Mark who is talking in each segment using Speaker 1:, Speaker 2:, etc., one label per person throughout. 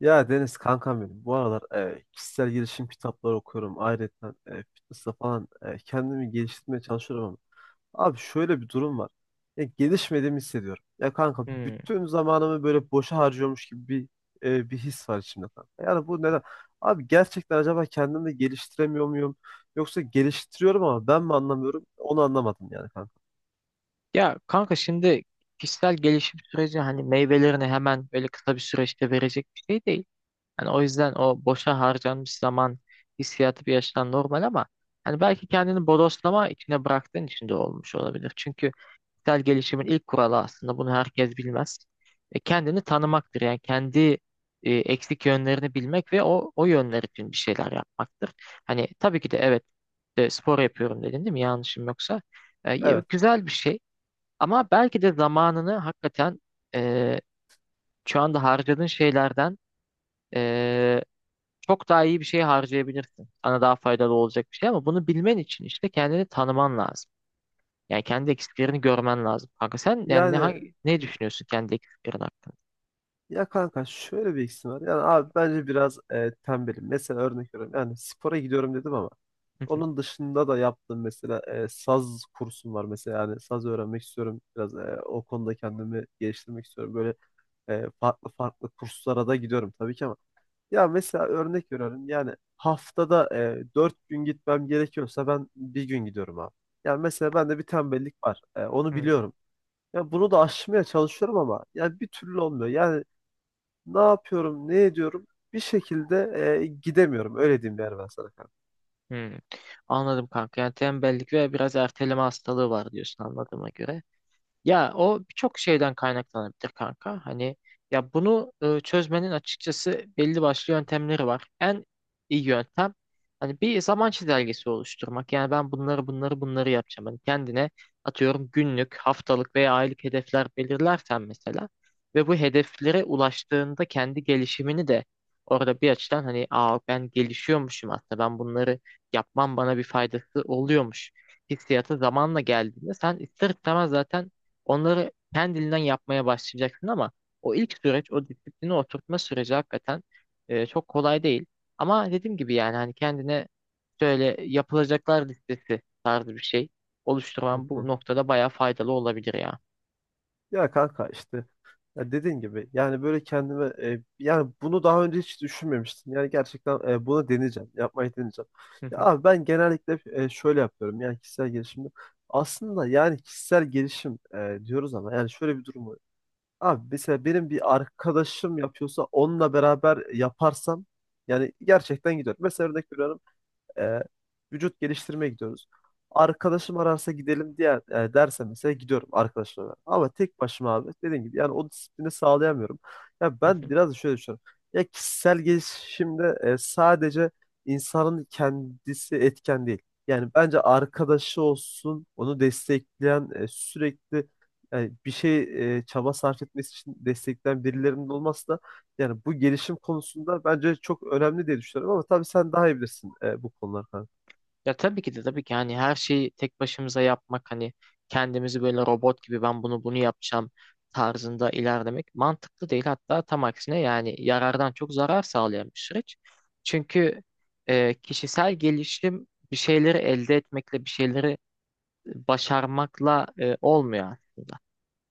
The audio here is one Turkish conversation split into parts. Speaker 1: Ya Deniz kankam benim. Bu aralar kişisel gelişim kitapları okuyorum. Ayrıca fitness'la falan kendimi geliştirmeye çalışıyorum ama. Abi şöyle bir durum var. Ya, gelişmediğimi hissediyorum. Ya kanka
Speaker 2: Hmm.
Speaker 1: bütün zamanımı böyle boşa harcıyormuş gibi bir his var içimde kanka. Yani bu neden? Abi gerçekten acaba kendimi de geliştiremiyor muyum? Yoksa geliştiriyorum ama ben mi anlamıyorum? Onu anlamadım yani kanka.
Speaker 2: Ya kanka şimdi kişisel gelişim süreci hani meyvelerini hemen böyle kısa bir süreçte verecek bir şey değil. Hani o yüzden o boşa harcanmış zaman hissiyatı bir yaştan normal ama hani belki kendini bodoslama içine bıraktığın için de olmuş olabilir. Çünkü kişisel gelişimin ilk kuralı aslında bunu herkes bilmez. Kendini tanımaktır. Yani kendi eksik yönlerini bilmek ve o yönler için bir şeyler yapmaktır. Hani tabii ki de evet, spor yapıyorum dedin değil mi? Yanlışım yoksa. E,
Speaker 1: Evet.
Speaker 2: Güzel bir şey. Ama belki de zamanını hakikaten eee, şu anda harcadığın şeylerden eee, çok daha iyi bir şey harcayabilirsin. Sana daha faydalı olacak bir şey ama bunu bilmen için işte kendini tanıman lazım. Yani kendi eksiklerini görmen lazım. Kanka sen yani ne,
Speaker 1: Yani,
Speaker 2: ne düşünüyorsun kendi eksiklerin hakkında?
Speaker 1: ya kanka şöyle bir eksim var. Yani abi bence biraz tembelim. Mesela örnek veriyorum. Yani spora gidiyorum dedim ama onun dışında da yaptığım mesela saz kursum var mesela. Yani saz öğrenmek istiyorum. Biraz o konuda kendimi geliştirmek istiyorum. Böyle farklı farklı kurslara da gidiyorum tabii ki ama. Ya mesela örnek veriyorum. Yani haftada 4 gün gitmem gerekiyorsa ben bir gün gidiyorum abi. Yani mesela bende bir tembellik var. Onu
Speaker 2: Hmm,
Speaker 1: biliyorum. Ya bunu da aşmaya çalışıyorum ama ya bir türlü olmuyor. Yani ne yapıyorum, ne ediyorum? Bir şekilde gidemiyorum. Öyle diyeyim yani ben sana kanka.
Speaker 2: hmm. Anladım kanka. Yani tembellik ve biraz erteleme hastalığı var diyorsun anladığıma göre. Ya o birçok şeyden kaynaklanabilir kanka. Hani ya bunu çözmenin açıkçası belli başlı yöntemleri var. En iyi yöntem hani bir zaman çizelgesi oluşturmak. Yani ben bunları bunları yapacağım. Hani kendine atıyorum günlük, haftalık veya aylık hedefler belirlersen mesela ve bu hedeflere ulaştığında kendi gelişimini de orada bir açıdan hani aa ben gelişiyormuşum aslında ben bunları yapmam bana bir faydası oluyormuş hissiyatı zamanla geldiğinde sen ister istemez zaten onları kendiliğinden yapmaya başlayacaksın ama o ilk süreç, o disiplini oturtma süreci hakikaten çok kolay değil. Ama dediğim gibi yani hani kendine şöyle yapılacaklar listesi tarzı bir şey
Speaker 1: Hı
Speaker 2: oluşturman bu
Speaker 1: hı.
Speaker 2: noktada bayağı faydalı olabilir ya.
Speaker 1: Ya kanka işte, ya dediğin gibi yani böyle kendime yani bunu daha önce hiç düşünmemiştim. Yani gerçekten bunu deneyeceğim. Yapmayı deneyeceğim. Ya abi ben genellikle şöyle yapıyorum. Yani kişisel gelişimde aslında yani kişisel gelişim diyoruz ama yani şöyle bir durum var. Abi mesela benim bir arkadaşım yapıyorsa onunla beraber yaparsam yani gerçekten gidiyor. Mesela örnek veriyorum. e, Vücut geliştirmeye gidiyoruz. Arkadaşım ararsa gidelim diye derse mesela gidiyorum arkadaşlarla beraber. Ama tek başıma abi dediğim gibi yani o disiplini sağlayamıyorum. Ya ben biraz da şöyle düşünüyorum. Ya kişisel gelişimde sadece insanın kendisi etken değil. Yani bence arkadaşı olsun, onu destekleyen sürekli yani bir şey çaba sarf etmesi için destekleyen birilerinin olması da yani bu gelişim konusunda bence çok önemli diye düşünüyorum ama tabii sen daha iyi bilirsin bu konular kanka.
Speaker 2: Ya tabii ki de tabii ki hani her şeyi tek başımıza yapmak hani kendimizi böyle robot gibi ben bunu yapacağım tarzında ilerlemek mantıklı değil. Hatta tam aksine yani yarardan çok zarar sağlayan bir süreç. Çünkü kişisel gelişim bir şeyleri elde etmekle bir şeyleri başarmakla olmuyor.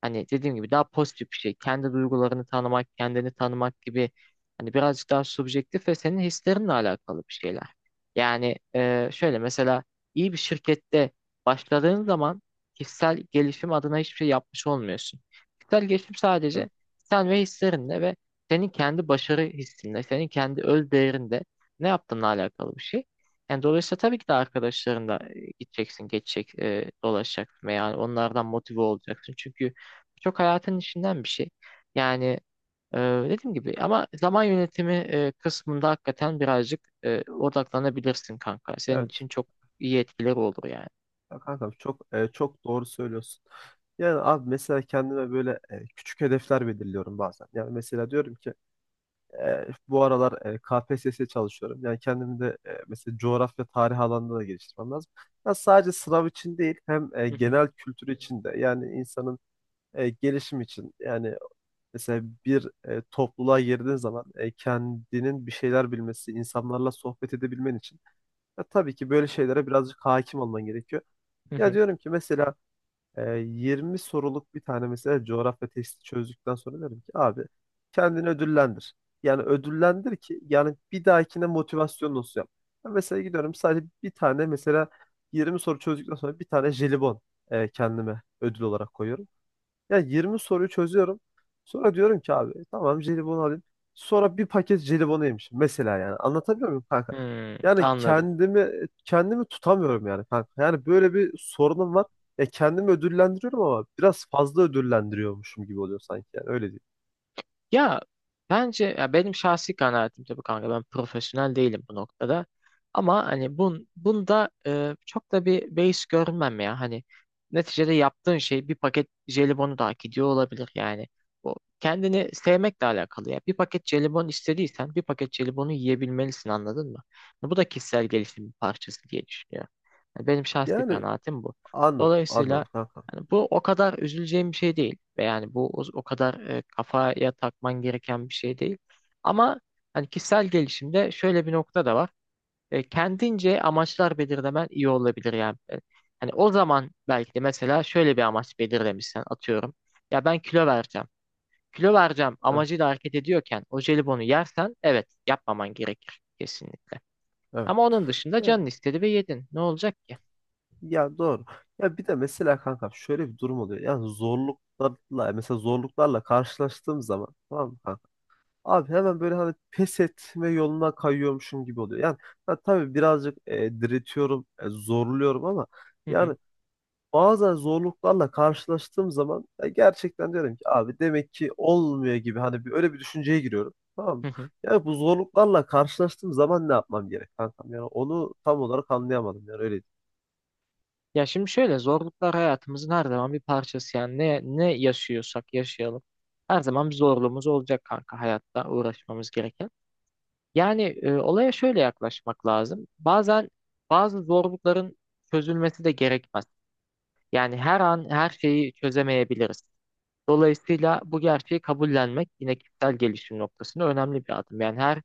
Speaker 2: Hani dediğim gibi daha pozitif bir şey. Kendi duygularını tanımak, kendini tanımak gibi hani birazcık daha subjektif ve senin hislerinle alakalı bir şeyler. Yani şöyle mesela iyi bir şirkette başladığın zaman kişisel gelişim adına hiçbir şey yapmış olmuyorsun. Kişisel gelişim
Speaker 1: Evet.
Speaker 2: sadece sen ve hislerinle ve senin kendi başarı hissinle, senin kendi öz değerinde ne yaptığınla alakalı bir şey. Yani dolayısıyla tabii ki de arkadaşlarınla gideceksin, geçecek, dolaşacaksın veya onlardan motive olacaksın. Çünkü çok hayatın içinden bir şey. Yani e, dediğim gibi ama zaman yönetimi kısmında hakikaten birazcık odaklanabilirsin kanka. Senin
Speaker 1: Evet.
Speaker 2: için çok iyi etkileri olur yani.
Speaker 1: Ya kankam çok çok doğru söylüyorsun. Yani abi mesela kendime böyle küçük hedefler belirliyorum bazen. Yani mesela diyorum ki bu aralar KPSS'ye çalışıyorum. Yani kendimi de mesela coğrafya tarih alanında da geliştirmem lazım. Ya sadece sınav için değil, hem
Speaker 2: Hı hı,
Speaker 1: genel kültür için de yani insanın gelişim için. Yani mesela bir topluluğa girdiğin zaman kendinin bir şeyler bilmesi, insanlarla sohbet edebilmen için, ya tabii ki böyle şeylere birazcık hakim olman gerekiyor.
Speaker 2: hı
Speaker 1: Ya
Speaker 2: hı.
Speaker 1: diyorum ki mesela 20 soruluk bir tane mesela coğrafya testi çözdükten sonra derim ki abi kendini ödüllendir. Yani ödüllendir ki yani bir dahakine motivasyon olsun yap. Ya mesela gidiyorum sadece bir tane mesela 20 soru çözdükten sonra bir tane jelibon kendime ödül olarak koyuyorum. Ya 20 soruyu çözüyorum. Sonra diyorum ki abi tamam jelibon alayım. Sonra bir paket jelibonu yemişim mesela yani. Anlatabiliyor muyum kanka?
Speaker 2: Hmm,
Speaker 1: Yani
Speaker 2: anladım.
Speaker 1: kendimi tutamıyorum yani kanka. Yani böyle bir sorunum var. Ya kendimi ödüllendiriyorum ama biraz fazla ödüllendiriyormuşum gibi oluyor sanki yani öyle değil.
Speaker 2: Ya bence ya benim şahsi kanaatim tabii kanka ben profesyonel değilim bu noktada. Ama hani bunda çok da bir base görünmem ya. Hani neticede yaptığın şey bir paket jelibonu da hak ediyor olabilir yani. Bu kendini sevmekle alakalı ya. Bir paket jelibon istediysen bir paket jelibonu yiyebilmelisin, anladın mı? Hani bu da kişisel gelişimin parçası diye düşünüyorum. Yani benim şahsi
Speaker 1: Yani
Speaker 2: kanaatim bu.
Speaker 1: anladım
Speaker 2: Dolayısıyla
Speaker 1: anladım kanka.
Speaker 2: yani bu o kadar üzüleceğim bir şey değil. Ve yani bu o kadar kafaya takman gereken bir şey değil. Ama hani kişisel gelişimde şöyle bir nokta da var. Kendince amaçlar belirlemen iyi olabilir yani. Hani o zaman belki de mesela şöyle bir amaç belirlemişsen atıyorum. Ya ben kilo vereceğim. Kilo vereceğim
Speaker 1: Evet.
Speaker 2: amacıyla hareket ediyorken o jelibonu yersen evet, yapmaman gerekir kesinlikle.
Speaker 1: Evet.
Speaker 2: Ama onun dışında
Speaker 1: Ya,
Speaker 2: canın istedi ve yedin. Ne olacak ki?
Speaker 1: ya doğru. Ya bir de mesela kanka şöyle bir durum oluyor. Yani zorluklarla mesela zorluklarla karşılaştığım zaman tamam mı kanka? Abi hemen böyle hani pes etme yoluna kayıyormuşum gibi oluyor. Yani ha, tabii birazcık diretiyorum, zorluyorum ama yani bazen zorluklarla karşılaştığım zaman ya gerçekten diyorum ki abi demek ki olmuyor gibi hani bir, öyle bir düşünceye giriyorum. Tamam mı? Yani bu zorluklarla karşılaştığım zaman ne yapmam gerek kankam? Yani onu tam olarak anlayamadım yani öyle.
Speaker 2: Ya şimdi şöyle, zorluklar hayatımızın her zaman bir parçası yani ne yaşıyorsak yaşayalım. Her zaman bir zorluğumuz olacak kanka hayatta uğraşmamız gereken. Yani olaya şöyle yaklaşmak lazım. Bazen bazı zorlukların çözülmesi de gerekmez. Yani her an her şeyi çözemeyebiliriz. Dolayısıyla bu gerçeği kabullenmek yine kişisel gelişim noktasında önemli bir adım. Yani her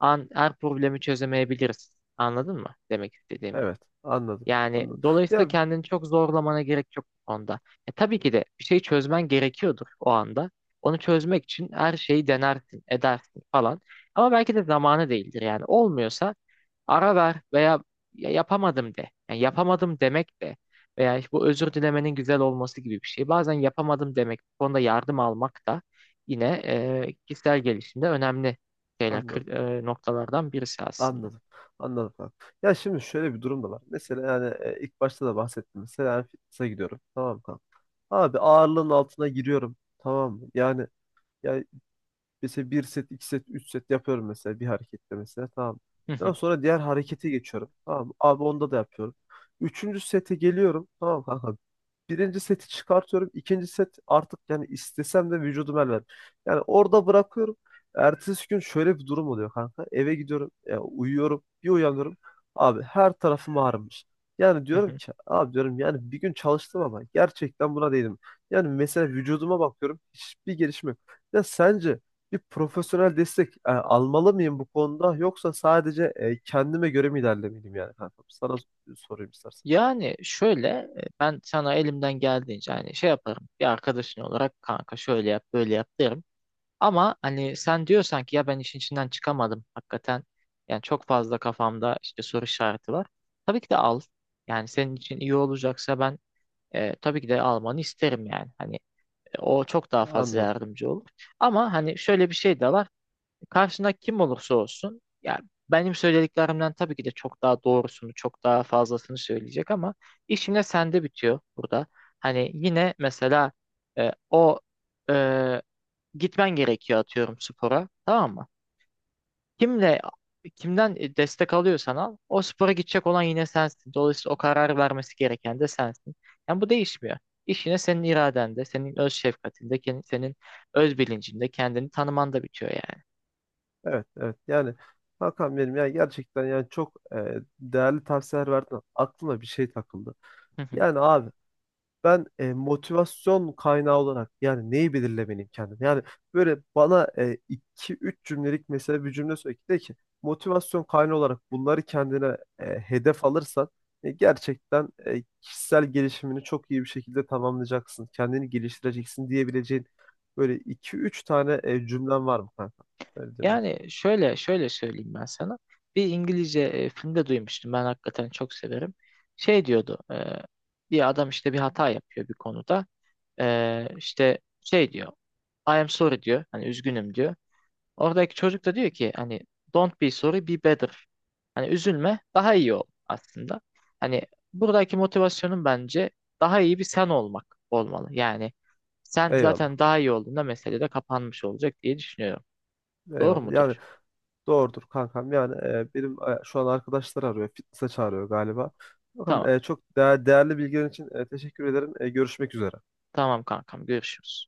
Speaker 2: an her problemi çözemeyebiliriz. Anladın mı demek istediğimi?
Speaker 1: Evet, anladım.
Speaker 2: Yani
Speaker 1: Anladım.
Speaker 2: dolayısıyla
Speaker 1: Ya,
Speaker 2: kendini çok zorlamana gerek yok bu konuda. Tabii ki de bir şey çözmen gerekiyordur o anda. Onu çözmek için her şeyi denersin, edersin falan. Ama belki de zamanı değildir yani. Olmuyorsa ara ver veya ya yapamadım de. Yani yapamadım demek de veya işte bu özür dilemenin güzel olması gibi bir şey. Bazen yapamadım demek, bu konuda yardım almak da yine kişisel gelişimde önemli şeyler,
Speaker 1: anladım.
Speaker 2: noktalardan birisi aslında.
Speaker 1: Anladım. Anladım abi. Ya şimdi şöyle bir durum da var. Mesela yani ilk başta da bahsettim. Mesela yani fitness'a gidiyorum. Tamam mı kanka? Abi ağırlığın altına giriyorum. Tamam mı? Yani yani mesela bir set, iki set, üç set yapıyorum mesela bir harekette mesela. Tamam. Daha sonra diğer harekete geçiyorum. Tamam mı? Abi onda da yapıyorum. Üçüncü sete geliyorum. Tamam mı, kanka? Birinci seti çıkartıyorum. İkinci set artık yani istesem de vücudum el vermiyor. Yani orada bırakıyorum. Ertesi gün şöyle bir durum oluyor kanka. Eve gidiyorum. Ya uyuyorum. Bir uyanıyorum. Abi her tarafım ağrımış. Yani diyorum ki abi diyorum yani bir gün çalıştım ama gerçekten buna değdim. Yani mesela vücuduma bakıyorum. Hiçbir gelişme yok. Ya sence bir profesyonel destek almalı mıyım bu konuda yoksa sadece kendime göre mi ilerlemeliyim yani kanka? Sana sorayım istersen.
Speaker 2: Yani ben sana elimden geldiğince hani şey yaparım bir arkadaşın olarak kanka şöyle yap böyle yap derim. Ama hani sen diyorsan ki ya ben işin içinden çıkamadım hakikaten yani çok fazla kafamda işte soru işareti var. Tabii ki de al, yani senin için iyi olacaksa ben tabii ki de almanı isterim yani hani o çok daha fazla
Speaker 1: Anladım.
Speaker 2: yardımcı olur. Ama hani şöyle bir şey de var. Karşında kim olursa olsun ya benim söylediklerimden tabii ki de çok daha doğrusunu, çok daha fazlasını söyleyecek ama iş yine sende bitiyor burada. Hani yine mesela e, o e, gitmen gerekiyor atıyorum spora, tamam mı? Kimle kimden destek alıyorsan al o spora gidecek olan yine sensin. Dolayısıyla o kararı vermesi gereken de sensin. Yani bu değişmiyor. İş yine senin iradende, senin öz şefkatinde, senin öz bilincinde kendini tanımanda bitiyor
Speaker 1: Evet, evet. Yani Hakan benim, ya gerçekten yani çok değerli tavsiyeler verdin. Aklıma bir şey takıldı.
Speaker 2: yani.
Speaker 1: Yani abi ben motivasyon kaynağı olarak yani neyi belirlemeliyim kendim? Yani böyle bana iki üç cümlelik mesela bir cümle söyle ki de ki motivasyon kaynağı olarak bunları kendine hedef alırsan gerçekten kişisel gelişimini çok iyi bir şekilde tamamlayacaksın. Kendini geliştireceksin diyebileceğin böyle iki üç tane cümlen var mı kanka? Öyle diyeyim
Speaker 2: Yani şöyle söyleyeyim ben sana. Bir İngilizce filmde duymuştum. Ben hakikaten çok severim. Şey diyordu. Bir adam işte bir hata yapıyor bir konuda. İşte şey diyor. "I am sorry" diyor. Hani "üzgünüm" diyor. Oradaki çocuk da diyor ki hani "don't be sorry, be better." Hani üzülme daha iyi ol aslında. Hani buradaki motivasyonun bence daha iyi bir sen olmak olmalı. Yani
Speaker 1: ben.
Speaker 2: sen zaten
Speaker 1: Eyvallah.
Speaker 2: daha iyi olduğunda mesele de kapanmış olacak diye düşünüyorum. Doğru
Speaker 1: Eyvallah. Yani
Speaker 2: mudur?
Speaker 1: doğrudur kankam. Yani benim şu an arkadaşlar arıyor. Fitness'e çağırıyor galiba. Bakalım
Speaker 2: Tamam.
Speaker 1: çok değerli bilgilerin için teşekkür ederim. Görüşmek üzere.
Speaker 2: Tamam kankam, görüşürüz.